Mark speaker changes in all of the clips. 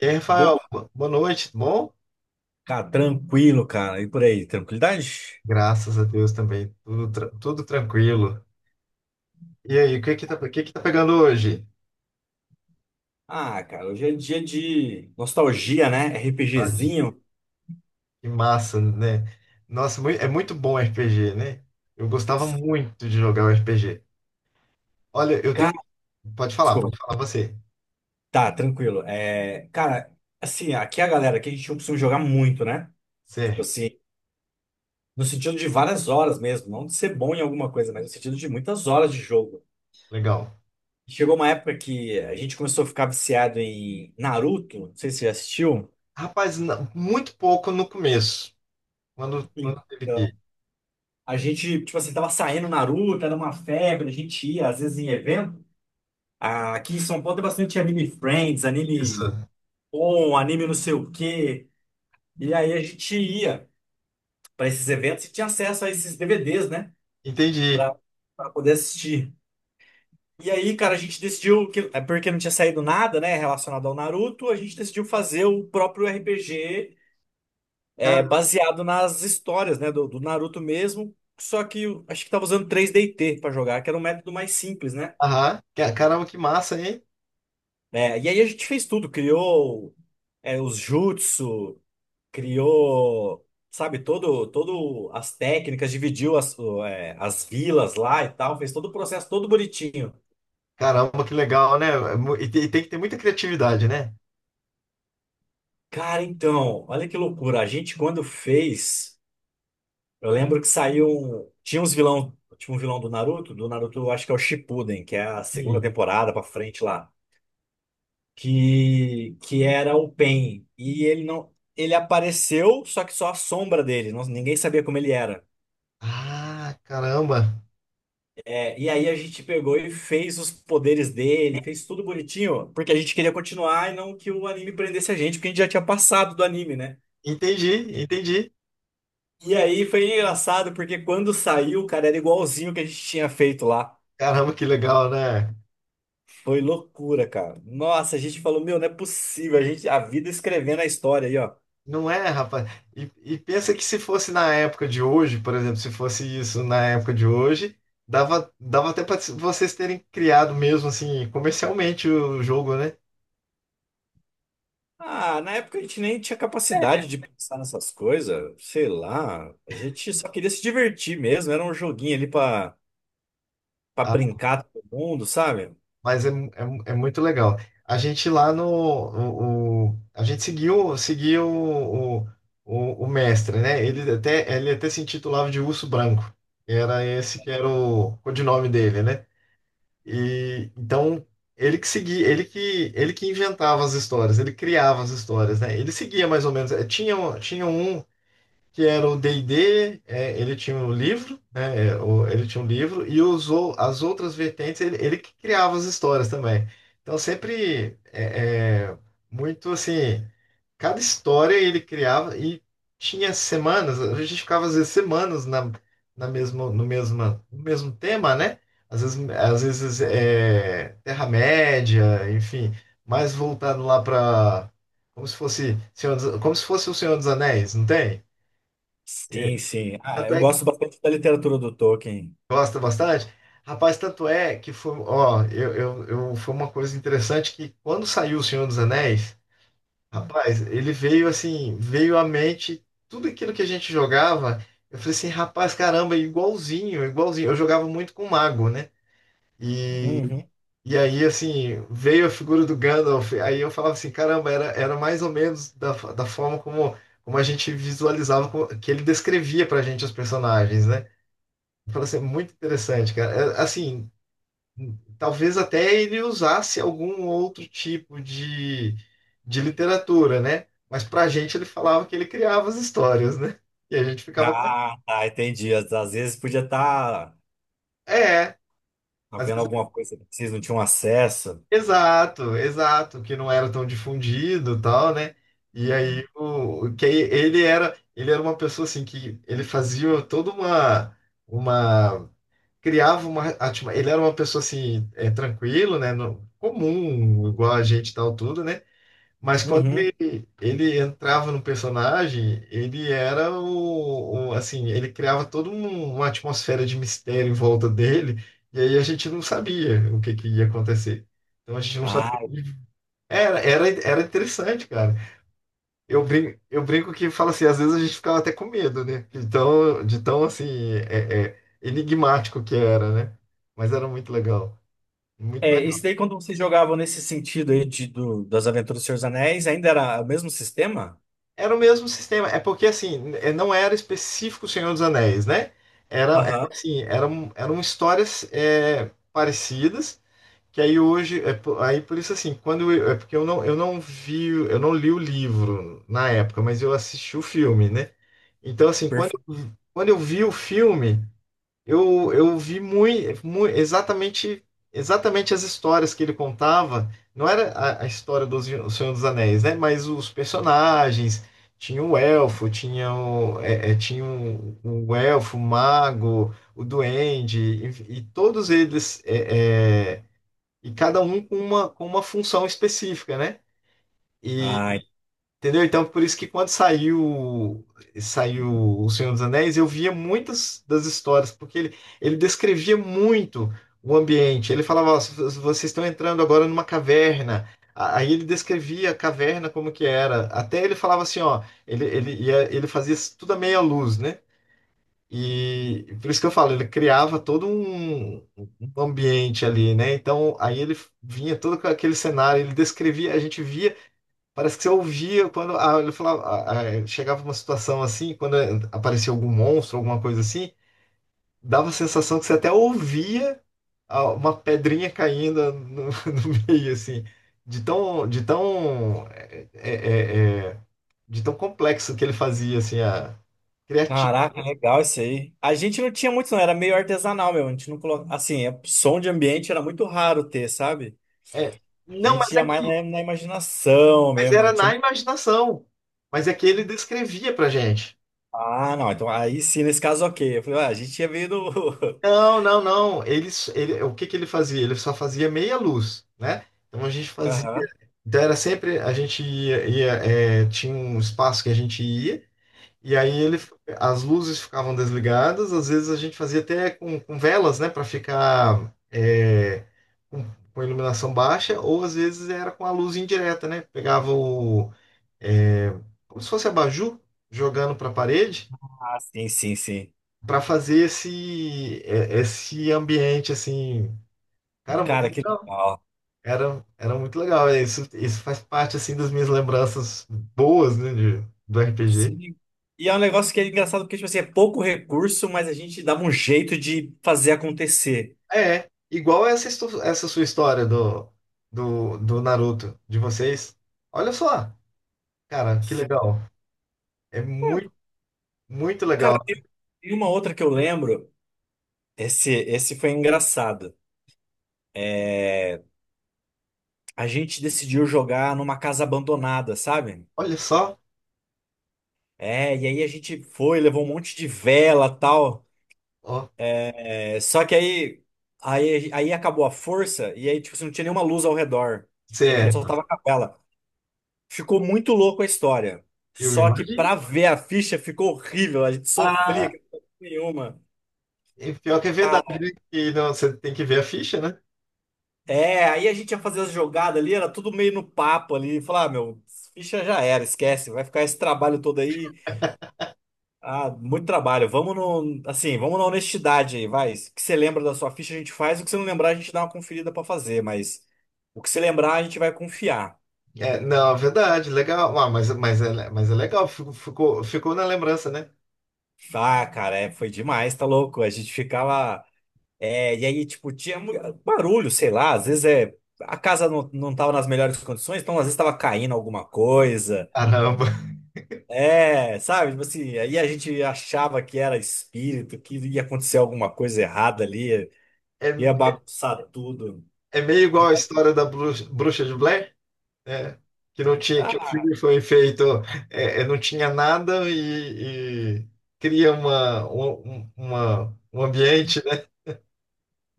Speaker 1: E aí,
Speaker 2: Boa,
Speaker 1: Rafael, boa noite, tudo bom?
Speaker 2: cara, tranquilo, cara. E por aí, tranquilidade?
Speaker 1: Graças a Deus também, tudo, tudo tranquilo. E aí, o que que tá pegando hoje?
Speaker 2: Ah, cara, hoje é dia de nostalgia, né?
Speaker 1: Ah.
Speaker 2: RPGzinho.
Speaker 1: Que massa, né? Nossa, é muito bom RPG, né? Eu gostava muito de jogar o RPG. Olha, eu tenho.
Speaker 2: Cara, desculpa.
Speaker 1: Pode falar você.
Speaker 2: Tá, tranquilo. Assim, aqui é a galera, aqui a gente não costuma jogar muito, né? Tipo
Speaker 1: Certo,
Speaker 2: assim, no sentido de várias horas mesmo, não de ser bom em alguma coisa, mas no sentido de muitas horas de jogo.
Speaker 1: legal.
Speaker 2: Chegou uma época que a gente começou a ficar viciado em Naruto, não sei se você já assistiu.
Speaker 1: Rapaz, muito pouco no começo, quando teve que.
Speaker 2: Então, a gente, tipo assim, tava saindo Naruto, era uma febre, a gente ia, às vezes, em evento. Ah, aqui em São Paulo tem bastante anime Friends,
Speaker 1: Isso,
Speaker 2: anime On, anime não sei o quê. E aí a gente ia para esses eventos e tinha acesso a esses DVDs, né?
Speaker 1: entendi.
Speaker 2: Pra, pra poder assistir. E aí, cara, a gente decidiu que, é porque não tinha saído nada, né, relacionado ao Naruto, a gente decidiu fazer o próprio RPG,
Speaker 1: Cara,
Speaker 2: baseado nas histórias, né, do Naruto mesmo. Só que eu acho que tava usando 3DT para jogar, que era um método mais simples, né?
Speaker 1: aham. Caramba, que massa, hein?
Speaker 2: É, e aí a gente fez tudo, criou os jutsu, criou, sabe, todo as técnicas, dividiu as vilas lá e tal, fez todo o processo todo bonitinho.
Speaker 1: Caramba, que legal, né? E tem tem que ter muita criatividade, né?
Speaker 2: Cara, então, olha que loucura. A gente quando fez, eu lembro que saiu, tinha uns vilão, tinha um vilão do Naruto, eu acho que é o Shippuden, que é a segunda
Speaker 1: Sim.
Speaker 2: temporada pra frente lá, que era o Pain e ele não. Ele apareceu, só que só a sombra dele, ninguém sabia como ele era.
Speaker 1: Ah, caramba.
Speaker 2: É, e aí a gente pegou e fez os poderes dele, fez tudo bonitinho, porque a gente queria continuar e não que o anime prendesse a gente, porque a gente já tinha passado do anime, né?
Speaker 1: Entendi, entendi.
Speaker 2: E aí foi engraçado, porque quando saiu, cara, era igualzinho o que a gente tinha feito lá.
Speaker 1: Caramba, que legal, né?
Speaker 2: Foi loucura, cara. Nossa, a gente falou, meu, não é possível, a gente, a vida escrevendo a história aí, ó.
Speaker 1: Não é, rapaz. E pensa que se fosse na época de hoje, por exemplo, se fosse isso na época de hoje, dava até para vocês terem criado mesmo assim comercialmente o jogo, né?
Speaker 2: Ah, na época a gente nem tinha capacidade de pensar nessas coisas, sei lá. A gente só queria se divertir mesmo, era um joguinho ali pra brincar todo mundo, sabe?
Speaker 1: Mas é, é muito legal. A gente lá no. A gente seguiu, seguiu o mestre, né? Ele até se intitulava de Urso Branco. Era esse que era o codinome dele, né? E então ele que seguia, ele que inventava as histórias, ele criava as histórias, né? Ele seguia mais ou menos. Tinha, tinha um que era o D&D. É, ele tinha um livro, né, é, ele tinha um livro e usou as outras vertentes, ele que criava as histórias também. Então sempre muito assim, cada história ele criava e tinha semanas, a gente ficava às vezes semanas na, no mesmo tema, né? Às vezes é, Terra-média, enfim, mais voltado lá para como se fosse o Senhor dos Anéis, não tem?
Speaker 2: Sim, sim. Ah,
Speaker 1: Tanto
Speaker 2: eu
Speaker 1: é.
Speaker 2: gosto bastante da literatura do Tolkien.
Speaker 1: Gosta bastante? Rapaz, tanto é que foi, ó, foi uma coisa interessante que quando saiu O Senhor dos Anéis, rapaz, ele veio assim, veio à mente tudo aquilo que a gente jogava. Eu falei assim, rapaz, caramba, é igualzinho, igualzinho. Eu jogava muito com mago, né? E,
Speaker 2: Uhum.
Speaker 1: e aí, assim, veio a figura do Gandalf. Aí eu falava assim, caramba, era mais ou menos da, da forma como, como a gente visualizava, que ele descrevia pra gente os personagens, né? Eu falei assim, muito interessante, cara. É, assim, talvez até ele usasse algum outro tipo de literatura, né? Mas pra gente ele falava que ele criava as histórias, né? E a gente ficava com.
Speaker 2: Ah, tá, entendi. Às vezes podia estar
Speaker 1: É, às
Speaker 2: havendo
Speaker 1: vezes-
Speaker 2: alguma coisa que vocês não tinham acesso.
Speaker 1: exato, exato, que não era tão difundido e tal, né? E aí o que ele era uma pessoa assim que ele fazia toda uma criava uma ele era uma pessoa assim é, tranquilo, né? Comum, igual a gente e tal tudo, né? Mas quando
Speaker 2: Uhum.
Speaker 1: ele entrava no personagem, ele era assim, ele criava toda uma atmosfera de mistério em volta dele, e aí a gente não sabia o que que ia acontecer. Então a gente não sabia.
Speaker 2: Ah,
Speaker 1: Era interessante, cara. Eu brinco que fala assim, às vezes a gente ficava até com medo, né? Então tão, de tão assim, enigmático que era, né? Mas era muito legal. Muito.
Speaker 2: é, isso daí quando vocês jogavam nesse sentido aí de, do, das Aventuras do Senhor dos Anéis, ainda era o mesmo sistema?
Speaker 1: Era o mesmo sistema. É porque, assim, não era específico o Senhor dos Anéis, né? Era
Speaker 2: Aham,
Speaker 1: assim, eram histórias parecidas, que aí hoje, é, aí por isso, assim, quando eu, é porque eu não vi, eu não li o livro na época, mas eu assisti o filme, né? Então, assim, quando,
Speaker 2: perfeito.
Speaker 1: quando eu vi o filme, eu vi muito, exatamente, exatamente as histórias que ele contava. Não era a história do O Senhor dos Anéis, né? Mas os personagens. Tinha o elfo, tinha o, tinha o elfo, o mago, o duende, e todos eles, e cada um com uma função específica, né?
Speaker 2: Ai,
Speaker 1: Entendeu? Então, por isso que quando saiu O Senhor dos Anéis, eu via muitas das histórias, porque ele descrevia muito o ambiente. Ele falava, ó, vocês estão entrando agora numa caverna. Aí ele descrevia a caverna como que era. Até ele falava assim, ó, ia, ele fazia isso tudo à meia luz, né? E por isso que eu falo, ele criava todo um ambiente ali, né? Então, aí ele vinha todo com aquele cenário, ele descrevia, a gente via. Parece que você ouvia quando a, ele falava, chegava uma situação assim, quando aparecia algum monstro, alguma coisa assim, dava a sensação que você até ouvia uma pedrinha caindo no, no meio, assim, de tão, de tão complexo que ele fazia, assim, a criativo.
Speaker 2: caraca, legal isso aí. A gente não tinha muito, não, era meio artesanal, meu. A gente não colocava. Assim, som de ambiente era muito raro ter, sabe?
Speaker 1: É,
Speaker 2: A
Speaker 1: não, mas
Speaker 2: gente
Speaker 1: é
Speaker 2: ia mais
Speaker 1: que,
Speaker 2: na, na imaginação
Speaker 1: mas
Speaker 2: mesmo,
Speaker 1: era
Speaker 2: não
Speaker 1: na
Speaker 2: tinha.
Speaker 1: imaginação, mas é que ele descrevia pra gente.
Speaker 2: Ah, não. Então, aí sim, nesse caso, ok. Eu falei, ah, a gente tinha vindo.
Speaker 1: Não, não, não. Ele, ele, o que que ele fazia? Ele só fazia meia luz, né? Então a gente fazia.
Speaker 2: Aham.
Speaker 1: Então era sempre. A gente ia. É, tinha um espaço que a gente ia, e aí ele, as luzes ficavam desligadas. Às vezes a gente fazia até com velas, né? Para ficar é, com, com iluminação baixa, ou às vezes era com a luz indireta, né? Pegava o. É, como se fosse abajur, jogando para a parede,
Speaker 2: Ah, sim, sim, sim.
Speaker 1: para fazer esse, é, esse ambiente assim. Cara, muito
Speaker 2: Cara, que
Speaker 1: legal.
Speaker 2: legal.
Speaker 1: Era muito legal. É, isso faz parte, assim, das minhas lembranças boas, né, do RPG.
Speaker 2: Sim. E é um negócio que é engraçado porque, tipo assim, é pouco recurso, mas a gente dava um jeito de fazer acontecer.
Speaker 1: É, igual essa, essa sua história do Naruto, de vocês. Olha só, cara, que
Speaker 2: Sim.
Speaker 1: legal. É
Speaker 2: É,
Speaker 1: muito, muito
Speaker 2: cara,
Speaker 1: legal.
Speaker 2: tem tem uma outra que eu lembro. Esse foi engraçado. É, a gente decidiu jogar numa casa abandonada, sabe?
Speaker 1: Olha só,
Speaker 2: É, e aí a gente foi, levou um monte de vela, tal.
Speaker 1: ó,
Speaker 2: É, só que aí, aí acabou a força e aí, tipo, assim, não tinha nenhuma luz ao redor.
Speaker 1: você
Speaker 2: E a gente
Speaker 1: é...
Speaker 2: só tava com a vela. Ficou muito louco a história.
Speaker 1: eu
Speaker 2: Só que
Speaker 1: imagino.
Speaker 2: pra ver a ficha ficou horrível. A gente sofria,
Speaker 1: Ah,
Speaker 2: que não tinha nenhuma.
Speaker 1: e pior que é verdade,
Speaker 2: Cara,
Speaker 1: né? E não, você tem que ver a ficha, né?
Speaker 2: é, aí a gente ia fazer as jogadas ali, era tudo meio no papo ali. Falar, ah, meu, ficha já era, esquece. Vai ficar esse trabalho todo aí. Ah, muito trabalho. Vamos no, assim, vamos na honestidade aí, vai. O que você lembra da sua ficha, a gente faz. O que você não lembrar, a gente dá uma conferida pra fazer, mas o que você lembrar, a gente vai confiar.
Speaker 1: É, não, é verdade, legal. Ah, mas é legal, ficou na lembrança, né?
Speaker 2: Ah, cara, é, foi demais, tá louco? A gente ficava. E aí, tipo, barulho, sei lá, às vezes é. A casa não tava nas melhores condições, então às vezes tava caindo alguma coisa.
Speaker 1: Caramba.
Speaker 2: É, sabe? Tipo assim, aí a gente achava que era espírito, que ia acontecer alguma coisa errada ali, ia
Speaker 1: É.
Speaker 2: bagunçar tudo.
Speaker 1: É meio igual a história da Bruxa de Blair, né? Que não tinha, que o
Speaker 2: Ah,
Speaker 1: filme foi feito, não tinha nada e, e cria uma, um ambiente, né?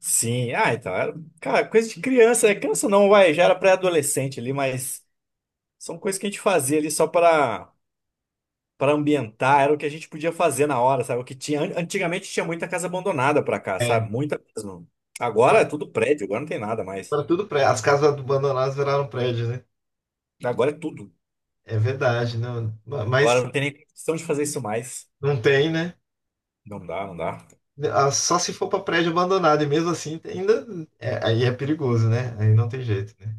Speaker 2: sim, cara, coisa de criança, né? Criança não, vai, já era pré-adolescente ali, mas são coisas que a gente fazia ali só para para ambientar, era o que a gente podia fazer na hora, sabe? O que tinha, antigamente tinha muita casa abandonada pra cá, sabe? Muita mesmo. Agora é tudo prédio, agora não tem nada mais.
Speaker 1: Para tudo prédio. As casas abandonadas viraram prédio, né?
Speaker 2: Agora é tudo.
Speaker 1: É verdade, não,
Speaker 2: Agora
Speaker 1: mas
Speaker 2: não tem nem questão de fazer isso mais.
Speaker 1: não tem, né?
Speaker 2: Não dá, não dá.
Speaker 1: Ah, só se for para prédio abandonado, e mesmo assim ainda é, aí é perigoso, né? Aí não tem jeito, né?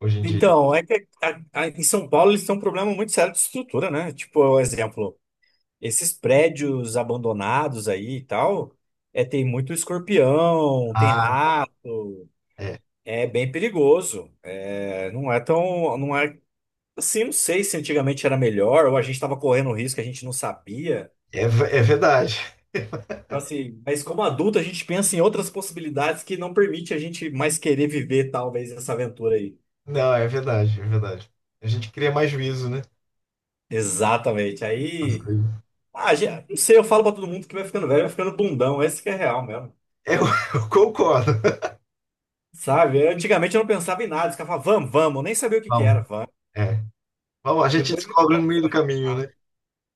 Speaker 1: Hoje em dia.
Speaker 2: Então, é que em São Paulo eles têm um problema muito sério de estrutura, né? Tipo, um exemplo. Esses prédios abandonados aí e tal, é, tem muito escorpião, tem
Speaker 1: Ah,
Speaker 2: rato,
Speaker 1: é,
Speaker 2: é bem perigoso. É, não é tão, não sei se antigamente era melhor ou a gente estava correndo risco que a gente não sabia.
Speaker 1: é verdade.
Speaker 2: Então, assim, mas como adulto a gente pensa em outras possibilidades que não permite a gente mais querer viver talvez essa aventura aí.
Speaker 1: Não, é verdade, é verdade. A gente cria mais juízo, né?
Speaker 2: Exatamente.
Speaker 1: As
Speaker 2: Aí,
Speaker 1: coisas.
Speaker 2: ah, não sei, eu falo pra todo mundo que vai ficando velho, vai ficando bundão, esse que é real mesmo.
Speaker 1: Eu eu concordo.
Speaker 2: Sabe? Antigamente eu não pensava em nada, eu ficava, vamos, eu nem sabia o que que era,
Speaker 1: Bom.
Speaker 2: vamos.
Speaker 1: É. Bom, a gente
Speaker 2: Depois eu
Speaker 1: descobre no
Speaker 2: falo se
Speaker 1: meio do
Speaker 2: vai dar
Speaker 1: caminho, né?
Speaker 2: errado.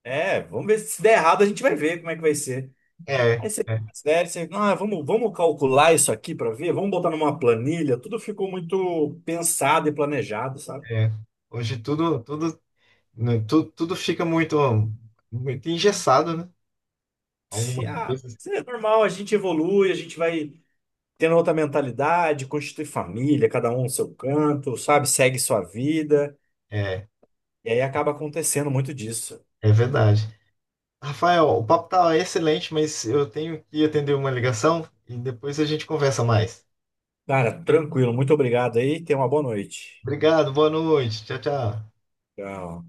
Speaker 2: É, vamos ver se der errado, a gente vai ver como é que vai ser.
Speaker 1: É,
Speaker 2: Aí você fica
Speaker 1: é,
Speaker 2: mais velho, você, ah, vamos calcular isso aqui para ver, vamos botar numa planilha, tudo ficou muito pensado e planejado, sabe?
Speaker 1: é. Hoje tudo, tudo, né, tudo fica muito, muito engessado, né?
Speaker 2: E,
Speaker 1: Algumas
Speaker 2: ah,
Speaker 1: coisas.
Speaker 2: isso é normal, a gente evolui, a gente vai tendo outra mentalidade, constitui família, cada um no seu canto, sabe? Segue sua vida,
Speaker 1: É,
Speaker 2: e aí acaba acontecendo muito disso.
Speaker 1: é verdade. Rafael, o papo tá excelente, mas eu tenho que atender uma ligação e depois a gente conversa mais.
Speaker 2: Cara, tranquilo, muito obrigado aí, tenha uma boa noite.
Speaker 1: Obrigado, boa noite. Tchau, tchau.
Speaker 2: Tchau.